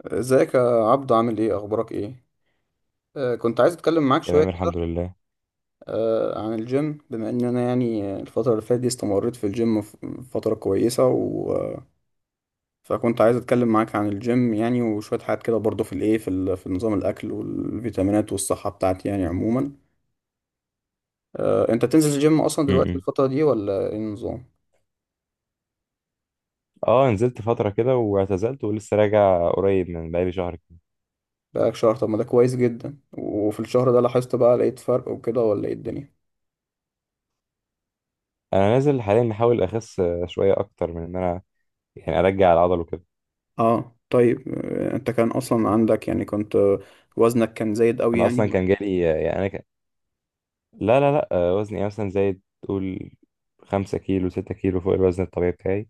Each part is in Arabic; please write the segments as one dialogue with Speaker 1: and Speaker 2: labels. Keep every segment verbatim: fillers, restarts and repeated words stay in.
Speaker 1: ازيك يا عبدو؟ عامل ايه؟ اخبارك ايه؟ آه كنت عايز اتكلم معاك شويه
Speaker 2: تمام، الحمد
Speaker 1: كده.
Speaker 2: لله.
Speaker 1: آه عن الجيم، بما ان انا يعني الفتره اللي فاتت دي استمريت في الجيم، ف- فتره كويسه و... آه، فكنت عايز اتكلم معاك عن الجيم يعني، وشويه حاجات كده برضو في الايه في, ال... في نظام الاكل والفيتامينات والصحه بتاعتي يعني عموما. آه انت بتنزل الجيم اصلا دلوقتي
Speaker 2: امم
Speaker 1: الفتره دي ولا ايه النظام؟
Speaker 2: اه نزلت فترة كده واعتزلت ولسه راجع قريب من بقالي شهر كده.
Speaker 1: بقالك شهر؟ طب ما ده كويس جدا. وفي الشهر ده لاحظت بقى لقيت فرق وكده، ولا ايه الدنيا؟
Speaker 2: انا نازل حاليا بحاول اخس، آه، شوية اكتر من ان انا يعني ارجع العضل وكده.
Speaker 1: اه، طيب. آه، انت كان اصلا عندك يعني كنت، آه، وزنك كان زايد قوي
Speaker 2: انا
Speaker 1: يعني.
Speaker 2: اصلا كان جالي آه، يعني انا ك... لا لا لا، آه، وزني مثلا زايد، تقول خمسة كيلو ستة كيلو فوق الوزن الطبيعي بتاعي،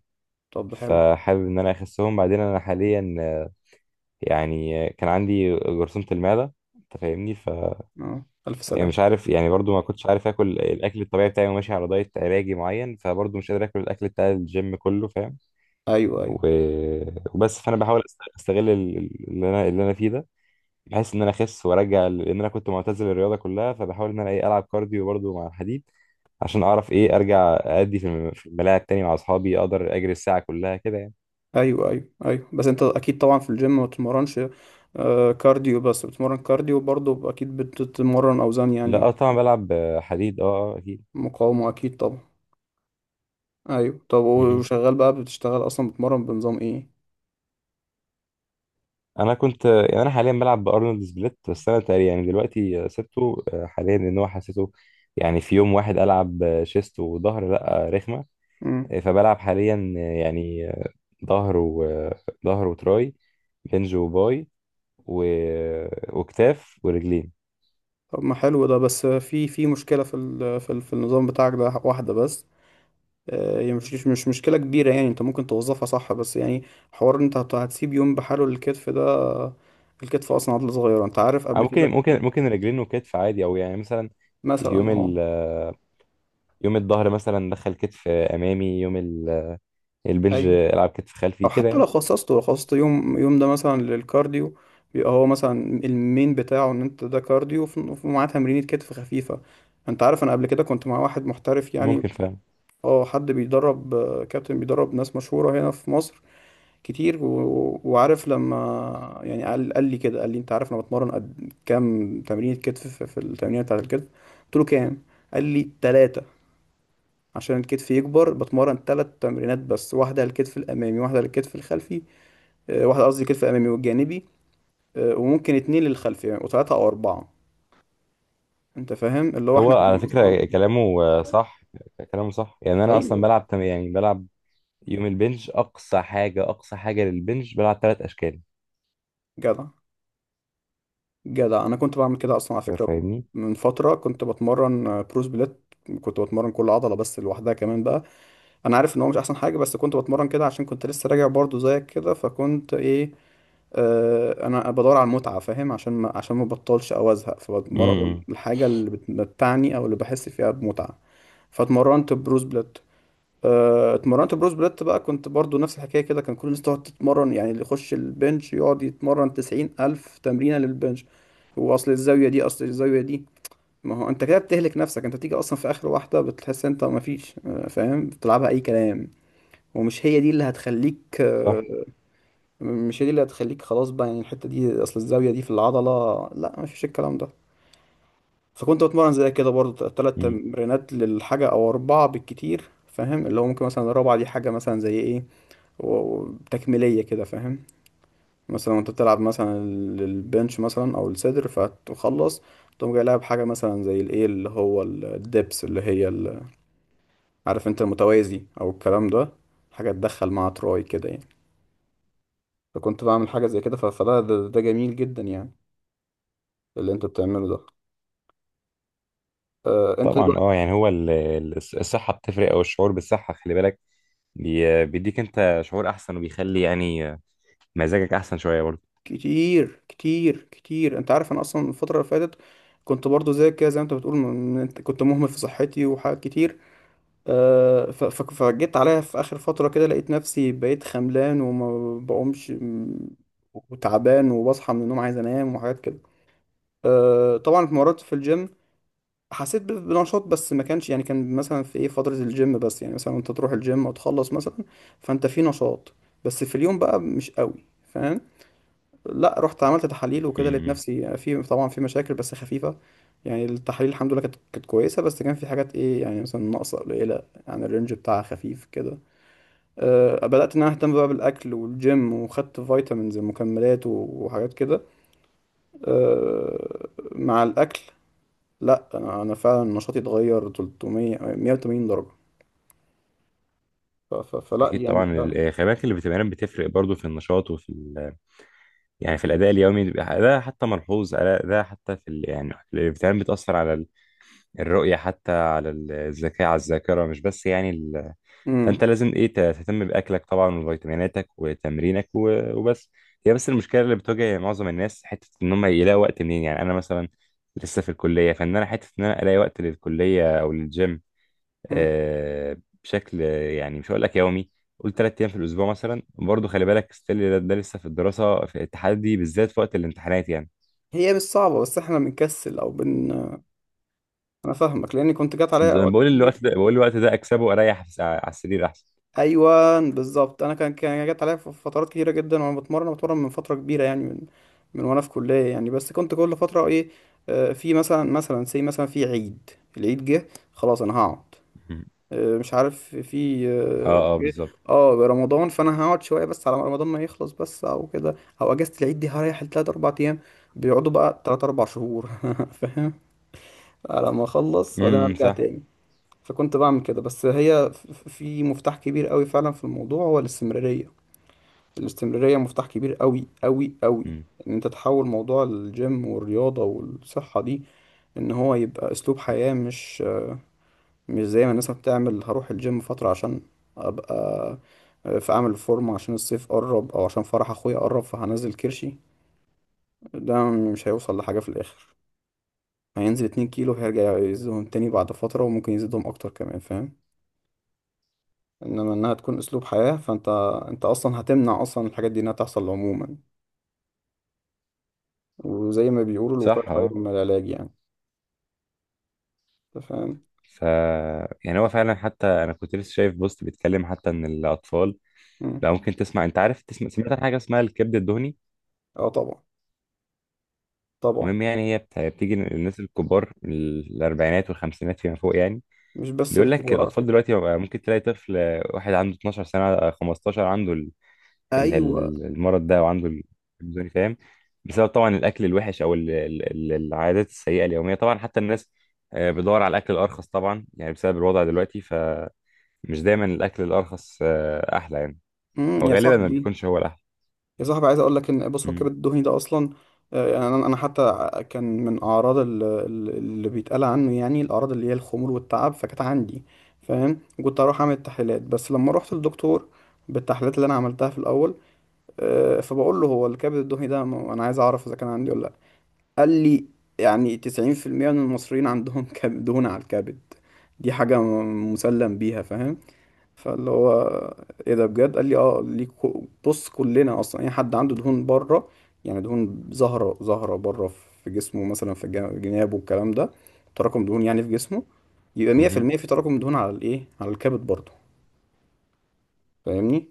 Speaker 1: طب ده حلو.
Speaker 2: فحابب ان انا اخسهم. بعدين انا حاليا آه، يعني آه، كان عندي جرثومة المعدة، انت فاهمني؟
Speaker 1: اه، الف
Speaker 2: يعني
Speaker 1: سلام.
Speaker 2: مش عارف، يعني برضو ما كنتش عارف اكل الاكل الطبيعي بتاعي وماشي على دايت علاجي معين، فبرضو مش قادر اكل الاكل بتاع الجيم كله، فاهم.
Speaker 1: ايوه، ايوه،
Speaker 2: و... وبس. فانا بحاول أست- استغل ال- ال- اللي انا اللي انا فيه ده، بحيث ان انا اخس وارجع، ل- لان انا كنت معتزل الرياضه كلها. فبحاول ان انا ايه العب كارديو برضو مع الحديد، عشان اعرف ايه ارجع ادي في الم- في الملاعب تاني مع اصحابي، اقدر اجري الساعه كلها كده يعني.
Speaker 1: ايوه، ايوه، ايوه. بس انت اكيد طبعا في الجيم ما بتتمرنش آه، كارديو بس، بتتمرن كارديو برضه، اكيد بتتمرن اوزان
Speaker 2: لا،
Speaker 1: يعني.
Speaker 2: اه طبعا بلعب حديد، اه اه اكيد.
Speaker 1: مقاومة، اكيد طبعا. ايوه. طب
Speaker 2: مهم.
Speaker 1: وشغال بقى، بتشتغل اصلا بتتمرن بنظام ايه؟
Speaker 2: انا كنت يعني انا حاليا بلعب بارنولد سبليت، بس انا تقريبا يعني دلوقتي سبته آه، حاليا، لان هو حسيته. يعني في يوم واحد العب آه، شيست وظهر، لا آه، رخمه.
Speaker 1: امم.
Speaker 2: آه، فبلعب حاليا آه، يعني آه، ظهر وظهر وتراي، بنج وباي، و... وكتاف ورجلين.
Speaker 1: طب ما حلو ده، بس في في مشكلة في ال في, ال في النظام بتاعك ده، واحدة بس. آه، يعني مش مش مشكلة كبيرة، يعني انت ممكن توظفها صح، بس يعني، حوار إن انت هت- هتسيب يوم بحاله للكتف ده. آه، الكتف اصلا عضلة صغيرة، انت عارف
Speaker 2: أو
Speaker 1: قبل كده.
Speaker 2: ممكن ممكن ممكن رجلين وكتف عادي، او يعني مثلا
Speaker 1: مثلا،
Speaker 2: يوم
Speaker 1: اه.
Speaker 2: ال آه، يوم الظهر مثلا دخل كتف امامي، يوم ال- البنج
Speaker 1: ايوه.
Speaker 2: العب كتف خلفي
Speaker 1: او
Speaker 2: كده
Speaker 1: حتى لو
Speaker 2: يعني.
Speaker 1: خصصته لو خصصت يوم يوم ده مثلا للكارديو، بيبقى هو مثلا المين بتاعه ان انت ده كارديو، وف- ومعاه تمرينة كتف خفيفة. انت عارف انا قبل كده كنت مع واحد محترف يعني،
Speaker 2: ممكن فعلا.
Speaker 1: اه، حد بيدرب، آه، كابتن بيدرب ناس مشهورة هنا في مصر كتير، و... وعارف لما يعني قال قال لي كده، قال لي انت عارف انا بتمرن قد كام تمرين كتف في, في التمرين بتاعت الكتف؟ قلت له كام؟ قال لي ثلاثة. عشان الكتف يكبر بتمرن ثلاث تمرينات بس، واحدة للكتف الأمامي، واحدة للكتف الخلفي، آه، واحدة قصدي الكتف الأمامي والجانبي، آه، وممكن اتنين للخلفي يعني، وثلاثة أو أربعة. أنت فاهم اللي هو
Speaker 2: هو
Speaker 1: إحنا
Speaker 2: على
Speaker 1: كنا
Speaker 2: فكرة
Speaker 1: أصلا.
Speaker 2: كلامه آه، صح. كلامه صح، يعني أنا أصلا
Speaker 1: أيوه.
Speaker 2: بلعب تم- يعني بلعب يوم البنج، أقصى حاجة أقصى حاجة للبنج بلعب ثلاث أشكال.
Speaker 1: جدع. جدع، أنا كنت بعمل كده أصلا على فكرة.
Speaker 2: فاهمني؟
Speaker 1: من فترة كنت بتمرن آه، برو سبليت. كنت بتمرن كل عضلة بس لوحدها كمان بقى. انا عارف ان هو مش احسن حاجه، بس كنت بتمرن كده عشان كنت لسه راجع برضو زيك كده، فكنت ايه، آه انا بدور على المتعه، فاهم، عشان ما عشان ما بطلش او ازهق، فبتمرن
Speaker 2: امم،
Speaker 1: الحاجه اللي بتمتعني او اللي بحس فيها بمتعه. فاتمرنت بروز بليت، آه، اتمرنت بروز بليت بقى، كنت برضو نفس الحكايه كده، كان كل الناس تقعد تتمرن يعني، اللي يخش البنش يقعد يتمرن تسعين الف تمرينه للبنش، واصل الزاويه دي اصل الزاويه دي. ما هو انت كده بتهلك نفسك، انت بتيجي اصلا في اخر واحده بتحس انت ما فيش، آه، فاهم، بتلعبها اي كلام. ومش هي دي اللي هتخليك
Speaker 2: صح.
Speaker 1: آه، مش هي دي اللي هتخليك خلاص بقى يعني. الحتة دي أصل الزاوية دي في العضلة، لا، مفيش الكلام ده. فكنت بتمرن زي كده برضو تلات
Speaker 2: امم،
Speaker 1: تمرينات للحاجة أو أربعة بالكتير، فاهم، اللي هو ممكن مثلا الرابعة دي حاجة مثلا زي إيه و- و- تكميلية كده، فاهم، مثلا وأنت بتلعب مثلا ال- البنش مثلا أو الصدر فتخلص، تقوم جاي لاعب حاجة مثلا زي الإيه اللي هو ال- الدبس اللي هي ال- عارف أنت المتوازي أو الكلام ده، حاجة تدخل مع تراي كده يعني. فكنت بعمل حاجة زي كده، ف- فده، ده, ده جميل جدا يعني، اللي انت بتعمله ده. آه انت
Speaker 2: طبعا. اه،
Speaker 1: دلوقتي،
Speaker 2: يعني هو ال- ال- الصحة بتفرق، أو الشعور بالصحة. خلي بالك، بي- بيديك أنت شعور أحسن، وبيخلي يعني آه، مزاجك أحسن شوية برضه.
Speaker 1: كتير، كتير، كتير. انت عارف انا اصلا الفترة اللي فاتت كنت برضو زي كده، زي ما انت بتقول، م- م- انت كنت مهمل في صحتي وحاجات كتير. آه ف- ف- فجيت عليا في اخر فترة كده لقيت نفسي بقيت خملان وما بقومش، م- وتعبان، وبصحى من النوم عايز انام وحاجات كده. آه طبعا اتمرنت في الجيم، حسيت ب- بنشاط، بس ما كانش يعني، كان مثلا في ايه فترة الجيم بس يعني، مثلا انت تروح الجيم وتخلص مثلا فانت في نشاط، بس في اليوم بقى مش قوي، فاهم. لا، رحت عملت تحاليل وكده لقيت
Speaker 2: امم،
Speaker 1: نفسي في، طبعا، في مشاكل بس خفيفة. يعني التحاليل الحمد لله كانت كانت كويسة، بس كان في حاجات ايه يعني مثلا ناقصة قليلة، يعني الرينج بتاعها خفيف كده. أه، بدأت ان انا اهتم بقى بالاكل والجيم وخدت فيتامينز ومكملات وحاجات كده. أه، مع الاكل. لا، انا انا فعلا نشاطي اتغير ثلاثمية مية وتمانين درجه. ف... ف... فلا
Speaker 2: أكيد
Speaker 1: يعني،
Speaker 2: طبعا ال-
Speaker 1: لا.
Speaker 2: آه، خلي بالك الفيتامينات بتفرق برضه في النشاط، وفي ال- يعني في الأداء اليومي، بيبقى ده حتى ملحوظ. ألا- ده حتى في ال- يعني الفيتامينات بتأثر على الرؤية، حتى على ال- الذكاء، على الذاكرة، مش بس يعني ال... فأنت
Speaker 1: امم.
Speaker 2: لازم إيه ت- تهتم بأكلك طبعا، وفيتاميناتك وتمرينك و... وبس. هي بس المشكلة اللي بتواجه معظم الناس، حتة إن هم يلاقوا وقت منين. يعني أنا مثلا لسه في الكلية، فإن أنا حتة إن أنا ألاقي وقت للكلية أو للجيم.
Speaker 1: أمم.
Speaker 2: آه بشكل يعني مش هقول لك يومي، قول تلات أيام في الأسبوع مثلا. برضه خلي بالك، ستيل ده, ده لسه في الدراسة، في التحدي بالذات في وقت الامتحانات يعني.
Speaker 1: هي مش صعبه، بس احنا بنكسل او بن، انا فاهمك لاني كنت جات عليا اوقات
Speaker 2: بقول
Speaker 1: كتير.
Speaker 2: الوقت ده بقول الوقت ده أكسبه أريح على السرير أحسن.
Speaker 1: ايوه بالظبط. انا كان كان جات عليا في فترات كتيره جدا، وانا بتمرن بتمرن من فتره كبيره يعني، من من وانا في كليه يعني، بس كنت كل فتره ايه، آه، في مثلا مثلا سي مثلا في عيد، العيد جه خلاص انا هقعد، آه، مش عارف في آه،
Speaker 2: اه اه بالظبط.
Speaker 1: اه، رمضان، فانا هقعد شويه بس على ما رمضان ما يخلص، بس او كده، او اجازه العيد دي هريح لتلات اربع ايام، بيقعدوا بقى تلات اربع شهور. فاهم، على ما اخلص وبعدين
Speaker 2: امم،
Speaker 1: ارجع
Speaker 2: صح.
Speaker 1: تاني. فكنت بعمل كده، بس هي، ف- ف- في مفتاح كبير قوي فعلا في الموضوع، هو الاستمراريه. الاستمراريه مفتاح كبير قوي، قوي، قوي،
Speaker 2: امم،
Speaker 1: ان انت تحول موضوع الجيم والرياضه والصحه دي ان هو يبقى اسلوب حياة. مش مش زي ما الناس بتعمل، هروح الجيم فترة عشان ابقى في، اعمل فورمة عشان الصيف قرب او عشان فرح اخويا قرب فهنزل كرشي. ده مش هيوصل لحاجة في الاخر، هينزل اتنين كيلو هيرجع يزيدهم تاني بعد فترة، وممكن يزيدهم اكتر كمان، فاهم. انما انها تكون اسلوب حياة، فانت انت اصلا هتمنع اصلا الحاجات دي انها تحصل عموما، وزي ما بيقولوا الوقاية
Speaker 2: صح.
Speaker 1: خير
Speaker 2: اه،
Speaker 1: من العلاج يعني. انت فاهم؟
Speaker 2: ف يعني هو فعلا، حتى انا كنت لسه شايف بوست بيتكلم حتى ان الاطفال.
Speaker 1: مم.
Speaker 2: لا، ممكن تسمع، انت عارف، تسمع سمعت عن حاجه اسمها الكبد الدهني؟
Speaker 1: اه طبعا. طبعا.
Speaker 2: المهم يعني هي بت- بتيجي للناس الكبار، الاربعينات والخمسينات فيما فوق يعني.
Speaker 1: مش بس
Speaker 2: بيقول لك
Speaker 1: الكبار على
Speaker 2: الاطفال
Speaker 1: فكرة.
Speaker 2: دلوقتي بقى، ممكن تلاقي طفل واحد عنده اتناشر سنه، خمستاشر، عنده ال-
Speaker 1: ايوه.
Speaker 2: ال- المرض ده، وعنده الكلمزوني فاهم. بسبب طبعا الاكل الوحش، او ال- ال- ال- العادات السيئه اليوميه. طبعا حتى الناس آه، بتدور على الاكل الارخص طبعا، يعني بسبب الوضع دلوقتي، فمش دايما الاكل الارخص آه، احلى يعني،
Speaker 1: مم.
Speaker 2: او
Speaker 1: يا
Speaker 2: غالبا ما
Speaker 1: صاحبي،
Speaker 2: بيكونش هو الاحلى.
Speaker 1: يا صاحبي، عايز اقول لك ان، بص، هو
Speaker 2: امم،
Speaker 1: الكبد الدهني ده اصلا آه، يعني، انا أنا حتى كان من اعراض ال- ال- اللي بيتقال عنه يعني، الاعراض اللي هي الخمول والتعب، فكانت عندي، فاهم. كنت اروح اعمل التحليلات، بس لما رحت للدكتور بالتحليلات اللي انا عملتها في الاول، آه، فبقول له، هو الكبد الدهني ده، م- انا عايز اعرف اذا كان عندي ولا لا. قال لي يعني تسعين في المية من المصريين عندهم كب- دهون على الكبد، دي حاجة م- مسلم بيها، فاهم. فاللي هو ايه ده بجد؟ قال لي اه، ليك كو- بص كلنا اصلا اي حد عنده دهون بره، يعني دهون زهره زهره بره في جسمه، مثلا في جنا- جنابه والكلام ده، تراكم دهون يعني في جسمه، يبقى
Speaker 2: امم.
Speaker 1: مية في المية في المية في تراكم دهون على الايه، على الكبد برضه. فاهمني؟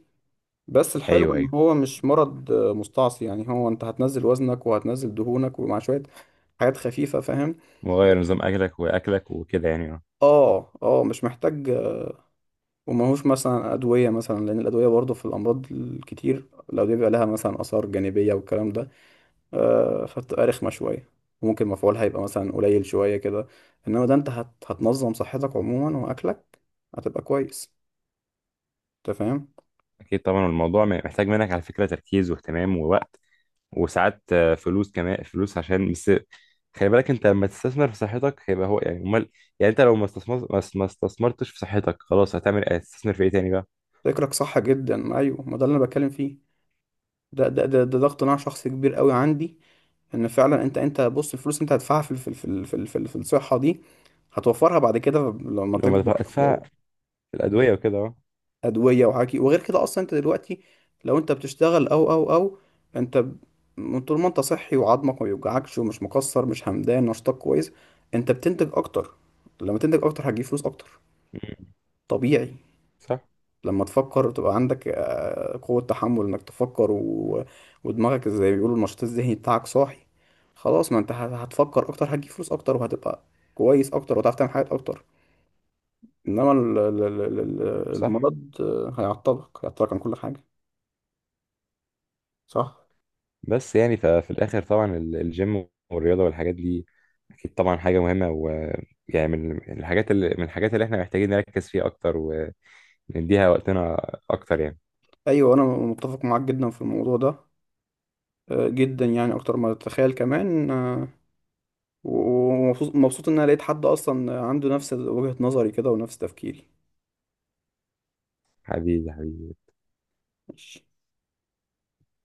Speaker 1: بس الحلو
Speaker 2: ايوه،
Speaker 1: ان
Speaker 2: ايوه،
Speaker 1: هو مش مرض آه، مستعصي، يعني هو انت هتنزل وزنك وهتنزل دهونك ومع شويه حاجات خفيفه، فاهم.
Speaker 2: مغير نظام اكلك واكلك وكده يعني، اه.
Speaker 1: اه، اه، مش محتاج. وماهوش مثلا أدوية، مثلا لأن الأدوية برضه في الأمراض الكتير الأدوية بيبقى لها مثلا آثار جانبية والكلام ده، آه، فبتبقى رخمة شوية، وممكن مفعولها يبقى مثلا قليل شوية كده. إنما ده أنت هت... هتنظم صحتك عموما وأكلك، هتبقى كويس. أنت فاهم؟
Speaker 2: اكيد طبعا الموضوع محتاج منك على فكره تركيز واهتمام ووقت، وساعات آه، فلوس، كمان فلوس عشان بس خلي بالك انت لما تستثمر في صحتك. هيبقى هو يعني امال. يعني انت لو ما استثمر ما ما استثمرتش في صحتك، خلاص هتعمل ايه؟ هتستثمر في ايه تاني بقى؟
Speaker 1: فكرك صح جدا. أيوه ما ده اللي أنا بتكلم فيه، ده ده ده ده, ده اقتناع شخصي كبير قوي عندي، إن فعلا أنت أنت بص، الفلوس أنت هتدفعها في ال- في ال- في ال- في ال- في الصحة دي، هتوفرها بعد كده لما
Speaker 2: لو ما
Speaker 1: تكبر.
Speaker 2: دفع- هتدفع في الادويه وكده، اه.
Speaker 1: ادويه وحكي وغير كده. اصلا انت دلوقتي، لو انت بتشتغل او او او انت ب- من طول ما انت صحي وعظمك ما بيوجعكش ومش مكسر، مش همدان، نشاطك كويس، انت بتنتج اكتر. لما تنتج اكتر هتجيب فلوس اكتر،
Speaker 2: مم،
Speaker 1: طبيعي.
Speaker 2: صح.
Speaker 1: لما تفكر تبقى عندك آه، قوة تحمل انك تفكر، و... ودماغك، زي ما بيقولوا، النشاط الذهني بتاعك صاحي، خلاص، ما انت هت- هتفكر اكتر هتجيب فلوس اكتر، وهتبقى كويس اكتر وهتعرف تعمل حاجات اكتر. انما ال- ال- ال- ال-
Speaker 2: صح.
Speaker 1: المرض آه، هيعطلك هيعطلك عن كل حاجة. صح.
Speaker 2: بس يعني ففي الاخر طبعا ال- الجيم والرياضه والحاجات دي، اكيد طبعا حاجه مهمه. ويعني من من الحاجات اللي من الحاجات اللي احنا محتاجين نركز فيها اكتر، ونديها وقتنا اكتر يعني.
Speaker 1: ايوه، انا متفق معاك جدا في الموضوع ده آه، جدا يعني، اكتر ما تتخيل كمان، آه، ومبسوط، مبسوط ان انا لقيت حد اصلا عنده نفس وجهة نظري كده ونفس تفكيري.
Speaker 2: حبيبي حبيبي.
Speaker 1: ماشي.